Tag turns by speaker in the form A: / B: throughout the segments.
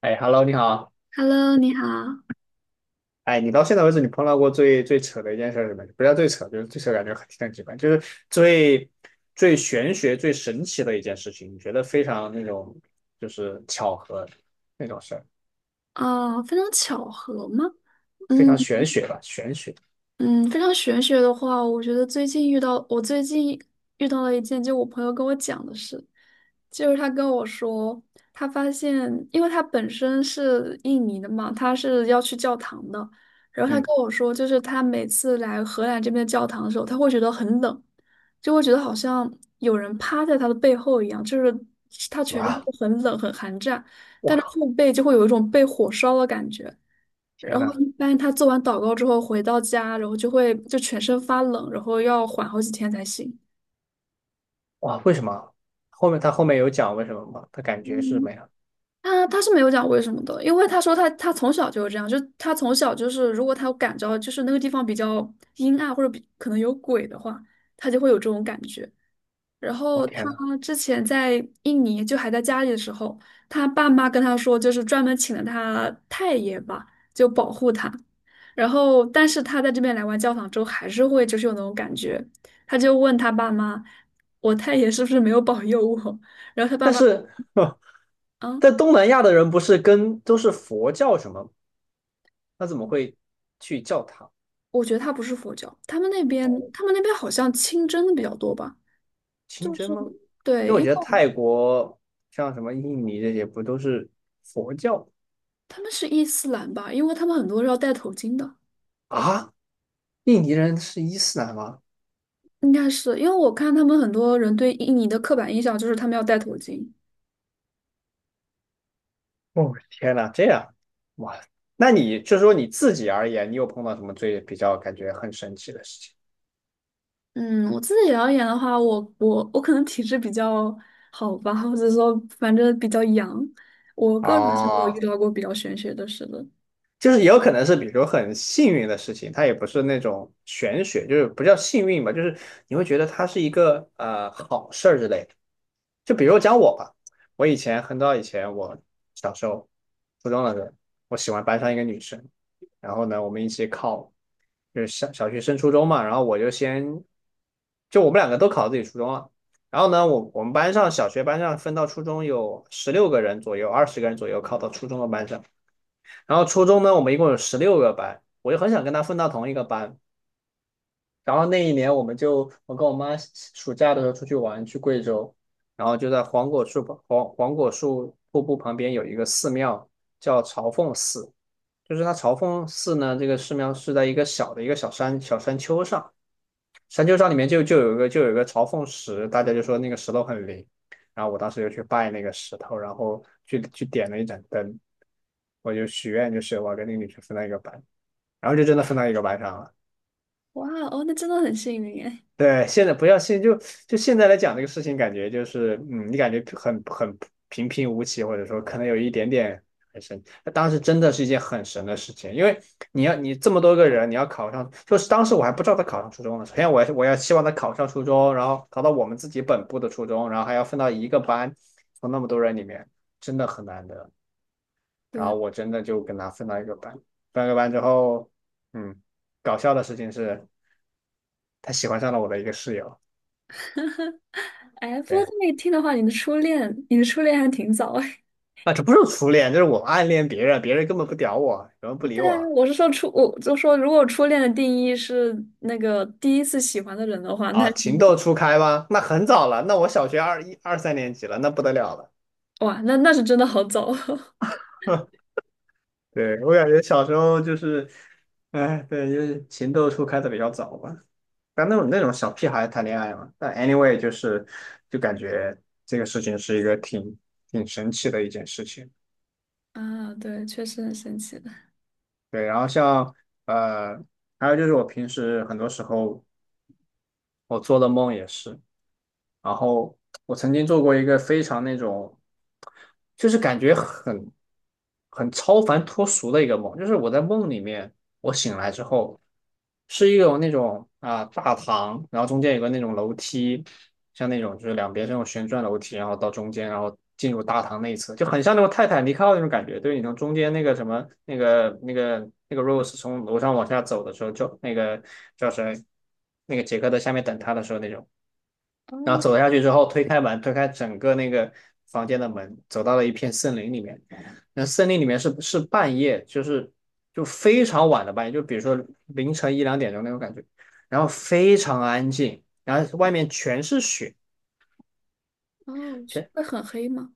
A: 哎，Hello，你好。
B: Hello，你好。
A: 哎，你到现在为止，你碰到过最扯的一件事儿是什么？不叫最扯，就是最扯，感觉很挺很奇怪，就是最最玄学、最神奇的一件事情，你觉得非常那种就是巧合那种事儿，
B: 哦，非常巧合吗？
A: 非
B: 嗯，
A: 常玄学吧？玄学，
B: 嗯，非常玄学的话，我最近遇到了一件，就我朋友跟我讲的事，就是他跟我说，他发现，因为他本身是印尼的嘛，他是要去教堂的，然后他
A: 嗯，
B: 跟我说，就是他每次来荷兰这边的教堂的时候，他会觉得很冷，就会觉得好像有人趴在他的背后一样，就是他全身
A: 哇，
B: 都很冷很寒战，
A: 我
B: 但是
A: 靠，
B: 后背就会有一种被火烧的感觉。
A: 天
B: 然后
A: 呐，
B: 一般他做完祷告之后回到家，然后就会就全身发冷，然后要缓好几天才行。
A: 哇，为什么？他后面有讲为什么吗？他感
B: 嗯，
A: 觉是什么呀？
B: 他是没有讲为什么的，因为他说他从小就是这样，就他从小就是如果他感着就是那个地方比较阴暗或者比可能有鬼的话，他就会有这种感觉。然
A: 我
B: 后他
A: 天呐，
B: 之前在印尼就还在家里的时候，他爸妈跟他说，就是专门请了他太爷吧，就保护他。然后，但是他在这边来完教堂之后，还是会就是有那种感觉。他就问他爸妈："我太爷是不是没有保佑我？"然后他爸
A: 但
B: 妈：
A: 是，
B: “啊，
A: 在东南亚的人不是跟都是佛教什么？那怎么会去教堂？
B: 我觉得他不是佛教，他们那边
A: 哦？
B: 他们那边好像清真的比较多吧，
A: 清
B: 就
A: 真
B: 是
A: 吗？因为
B: 对，
A: 我
B: 因
A: 觉
B: 为
A: 得泰国像什么印尼这些不都是佛教
B: 他们是伊斯兰吧，因为他们很多是要戴头巾的。"
A: 啊？印尼人是伊斯兰吗？
B: 应该是因为我看他们很多人对印尼的刻板印象就是他们要戴头巾。
A: 哦，天哪，这样哇！那你就说你自己而言，你有碰到什么最比较感觉很神奇的事情？
B: 嗯，我自己而言的话，我可能体质比较好吧，或者说反正比较阳，我个人是没有
A: 啊？
B: 遇到过比较玄学的事的。
A: 就是也有可能是，比如很幸运的事情，它也不是那种玄学，就是不叫幸运吧，就是你会觉得它是一个好事儿之类的。就比如讲我吧，我以前很早以前，我小时候初中的时候，我喜欢班上一个女生，然后呢，我们一起考，就是小学升初中嘛，然后我就先，就我们两个都考自己初中了，然后呢，我们班上小学班上分到初中有16个人左右，20个人左右考到初中的班上。然后初中呢，我们一共有16个班，我就很想跟他分到同一个班。然后那一年，我们就我跟我妈暑假的时候出去玩，去贵州，然后就在黄果树瀑布旁边有一个寺庙，叫朝凤寺。就是它朝凤寺呢，这个寺庙是在一个小的一个小山丘上，山丘上里面就有一个朝凤石，大家就说那个石头很灵。然后我当时就去拜那个石头，然后去点了一盏灯，我就许愿，就是我要跟那个女生分到一个班。然后就真的分到一个班上了。
B: 哇哦，那真的很幸运哎。
A: 对，现在不要信，就现在来讲这个事情，感觉就是你感觉很平平无奇，或者说可能有一点点很神。那当时真的是一件很神的事情，因为你这么多个人，你要考上，就是当时我还不知道他考上初中呢。首先我要希望他考上初中，然后考到我们自己本部的初中，然后还要分到一个班，从那么多人里面，真的很难得。然
B: 对，
A: 后我真的就跟他分到一个班，分到一个班之后，嗯，搞笑的事情是。他喜欢上了我的一个室友。
B: 哎，不过
A: 对，
B: 这么一听的话，你的初恋还挺早哎。
A: 啊，这不是初恋，这是我暗恋别人，别人根本不屌我，根本不 理
B: 对啊，
A: 我
B: 我是说初，我就说如果初恋的定义是那个第一次喜欢的人的话，那
A: 啊。
B: 挺
A: 情窦
B: 早。
A: 初开吗？那很早了，那我小学二一二三年级了，那不得了了。
B: 哇，那是真的好早。
A: 对，我感觉小时候就是，哎，对，就是情窦初开的比较早吧。但那种小屁孩谈恋爱嘛，但 anyway 就是，就感觉这个事情是一个挺神奇的一件事情。
B: 啊，对，确实很神奇的。
A: 对，然后像呃，还有就是我平时很多时候我做的梦也是，然后我曾经做过一个非常那种，就是感觉很超凡脱俗的一个梦，就是我在梦里面，我醒来之后是一种那种大堂，然后中间有个那种楼梯，像那种就是两边这种旋转楼梯，然后到中间，然后进入大堂内侧，就很像那种泰坦尼克号那种感觉，对你从中间那个什么那个那个那个 Rose 从楼上往下走的时候，就那个叫谁那个杰克在下面等他的时候那种。然后
B: 哦
A: 走下去之后，推开门，推开整个那个房间的门，走到了一片森林里面。那森林里面是半夜，就是就非常晚的半夜，就比如说凌晨一两点钟那种感觉，然后非常安静，然后外面全是雪，
B: 哦，是
A: 全
B: 会很黑吗？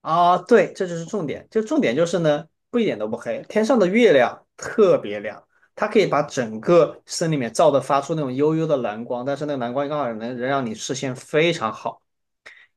A: 啊，对，这就是重点，就重点就是呢，不一点都不黑，天上的月亮特别亮。它可以把整个森林里面照的发出那种幽幽的蓝光，但是那个蓝光刚好能让你视线非常好。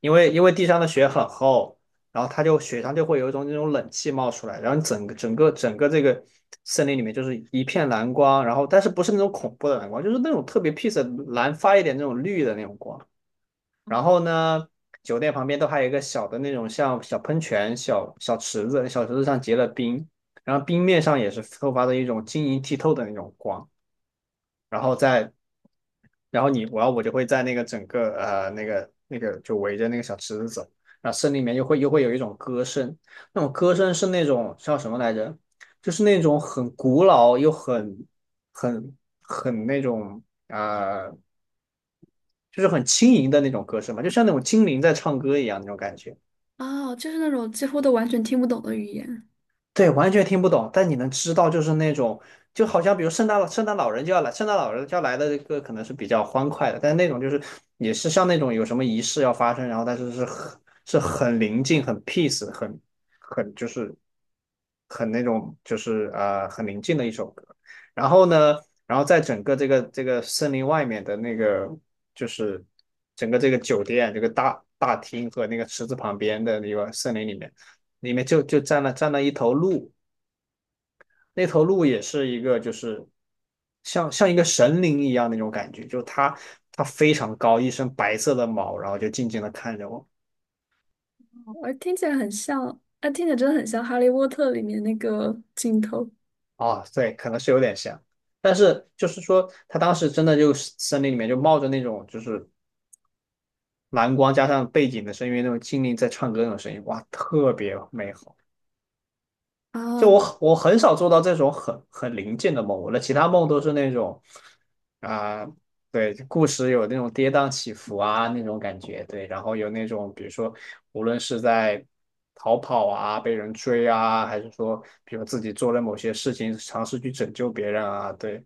A: 因为地上的雪很厚，然后它就雪上就会有一种那种冷气冒出来，然后整个这个森林里面就是一片蓝光，然后但是不是那种恐怖的蓝光，就是那种特别 peace 的蓝发一点那种绿的那种光。
B: 哦，
A: 然后呢，酒店旁边都还有一个小的那种像小喷泉、小小池子，小池子上结了冰，然后冰面上也是透发着一种晶莹剔透的那种光。然后在，然后你我要我就会在那个整个呃那个那个就围着那个小池子走，然后森林里面又会有一种歌声，那种歌声是那种叫什么来着？就是那种很古老又很很很那种呃，就是很轻盈的那种歌声嘛，就像那种精灵在唱歌一样那种感觉。
B: 哦,就是那种几乎都完全听不懂的语言。
A: 对，完全听不懂，但你能知道，就是那种，就好像比如圣诞老人就要来，圣诞老人就要来的这个可能是比较欢快的，但是那种就是也是像那种有什么仪式要发生，然后但是是很是很宁静、很 peace、很很就是很那种就是呃很宁静的一首歌。然后呢，然后在整个这个森林外面的那个就是整个这个酒店这个大厅和那个池子旁边的那个森林里面。里面就就站了站了一头鹿，那头鹿也是一个就是像一个神灵一样那种感觉，就它非常高，一身白色的毛，然后就静静的看着我。
B: 我听起来很像，啊，听起来真的很像《哈利波特》里面那个镜头
A: 啊，对，可能是有点像，但是就是说它当时真的就是森林里面就冒着那种就是蓝光加上背景的声音，那种精灵在唱歌那种声音，哇，特别美好。就
B: 啊。
A: 我很少做到这种很灵境的梦，我的其他梦都是那种啊、对，故事有那种跌宕起伏啊那种感觉，对，然后有那种比如说无论是在逃跑啊、被人追啊，还是说比如自己做了某些事情尝试去拯救别人啊，对，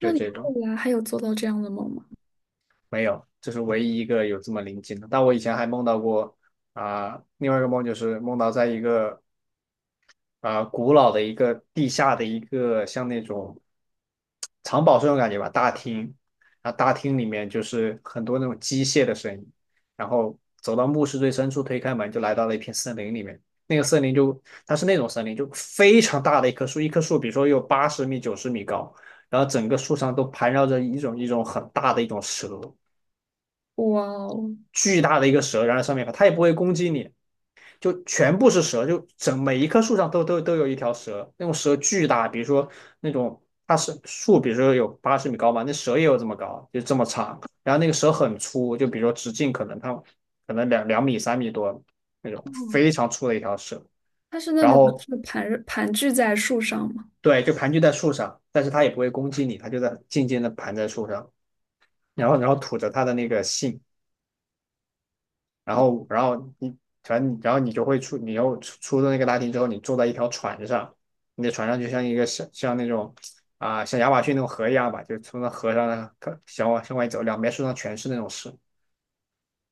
A: 就
B: 那你
A: 这
B: 后
A: 种
B: 来还有做到这样的梦吗？
A: 没有，这是唯一一个有这么灵境的。但我以前还梦到过另外一个梦就是梦到在一个古老的一个地下的一个像那种。藏宝是那种感觉吧，大厅，然后大厅里面就是很多那种机械的声音，然后走到墓室最深处，推开门就来到了一片森林里面。那个森林就它是那种森林，就非常大的一棵树，一棵树比如说有八十米、90米高，然后整个树上都盘绕着一种很大的一种蛇，
B: 哇哦，
A: 巨大的一个蛇，然后上面它也不会攻击你，就全部是蛇，就整每一棵树上都有一条蛇，那种蛇巨大，比如说那种它是树，比如说有八十米高嘛，那蛇也有这么高，就这么长，然后那个蛇很粗，就比如说直径可能它可能两米三米多那
B: 哦，
A: 种，非常粗的一条蛇，
B: 它是那
A: 然
B: 种
A: 后
B: 是盘踞在树上吗？
A: 对，就盘踞在树上，但是它也不会攻击你，它就在静静的盘在树上，然后吐着它的那个信，然后你反正然后你就会出，你又出了那个大厅之后，你坐在一条船上，你的船上就像一个像那种像亚马逊那种河一样吧，就从那河上看向往向外走，两边树上全是那种蛇，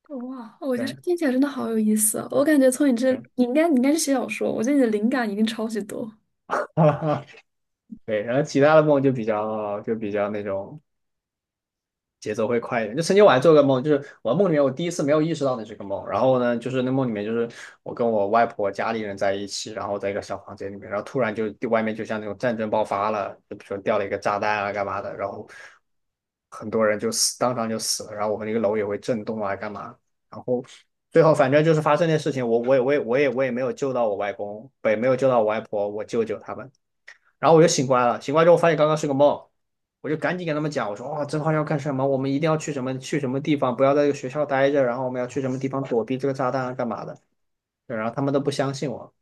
B: 哇，我觉得这
A: 对
B: 听起来真的好有意思啊！我感觉从你这，
A: 对
B: 你应该是写小说，我觉得你的灵感一定超级多
A: 对，然后其他的梦就比较那种节奏会快一点。就曾经我还做个梦，就是我梦里面我第一次没有意识到那是个梦，然后呢，就是那梦里面就是我跟我外婆家里人在一起，然后在一个小房间里面，然后突然就外面就像那种战争爆发了，就比如说掉了一个炸弹啊干嘛的，然后很多人就死，当场就死了，然后我们那个楼也会震动啊干嘛，然后。最后反正就是发生那事情，我也没有救到我外公，不也没有救到我外婆，我舅舅他们，然后我就醒过来了，醒过来之后发现刚刚是个梦，我就赶紧跟他们讲，我说哇，这话要干什么？我们一定要去什么去什么地方，不要在这个学校待着，然后我们要去什么地方躲避这个炸弹啊，干嘛的？对，然后他们都不相信我，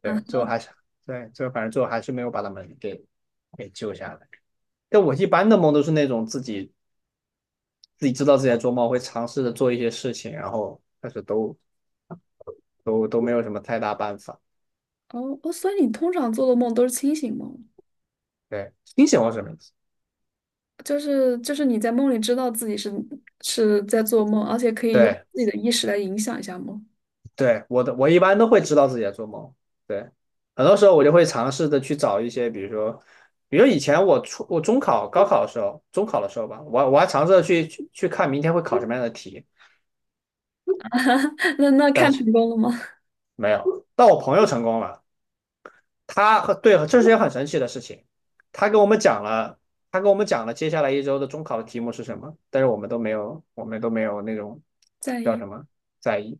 A: 对，最
B: 啊。
A: 后还是对，最后反正最后还是没有把他们给给救下来。但我一般的梦都是那种自己自己知道自己在做梦，会尝试着做一些事情，然后但是都没有什么太大办法。
B: 哦哦，所以你通常做的梦都是清醒梦，
A: 对，清醒梦是什么意思？
B: 就是你在梦里知道自己是在做梦，而且可以用
A: 对，
B: 自己的意识来影响一下梦。
A: 对，我的，我一般都会知道自己在做梦。对，很多时候我就会尝试的去找一些，比如说，比如以前我初我中考、高考的时候，中考的时候吧，我我还尝试着去看明天会考什么样的题，
B: 那
A: 但
B: 看
A: 是
B: 成功了吗？
A: 没有。但我朋友成功了，他和对，这是一件很神奇的事情。他跟我们讲了，他跟我们讲了接下来1周的中考的题目是什么，但是我们都没有，我们都没有那种
B: 在
A: 叫
B: 意
A: 什么在意，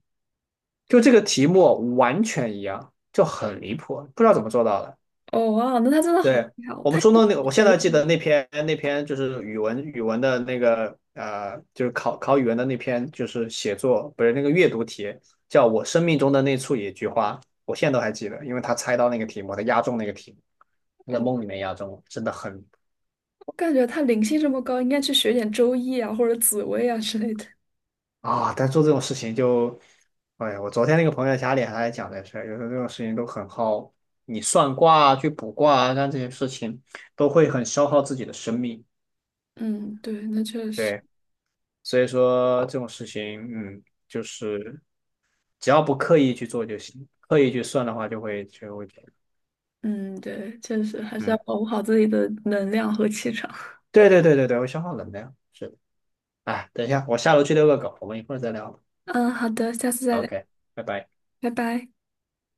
A: 就这个题目完全一样，就很离谱，不知道怎么做到的。
B: 哦哇，那他真的好
A: 对，
B: 厉害哦！
A: 我们
B: 他应
A: 初
B: 该
A: 中那个，我现
B: 学
A: 在记
B: 医
A: 得那篇就是语文的那个就是考语文的那篇，就是写作不是那个阅读题，叫我生命中的那处野菊花，我现在都还记得，因为他猜到那个题目，他押中那个题目，他在
B: 哦，
A: 梦里面押中，真的很
B: 我感觉他灵性这么高，应该去学点周易啊，或者紫薇啊之类的。
A: 啊！但做这种事情就，哎呀，我昨天那个朋友家里还在讲这事儿，有时候这种事情都很耗，你算卦啊，去卜卦啊，干这些事情都会很消耗自己的生命。
B: 嗯，对，那确实，
A: 对。所以说这种事情，嗯，就是只要不刻意去做就行，刻意去算的话就会这样，
B: 嗯，对，确实还是要
A: 嗯，
B: 保护好自己的能量和气场。
A: 对对对对对，会消耗能量，是的。哎，等一下，我下楼去遛个狗，我们一会儿再聊。
B: 嗯，好的，下次再聊，
A: OK，拜拜。
B: 拜拜。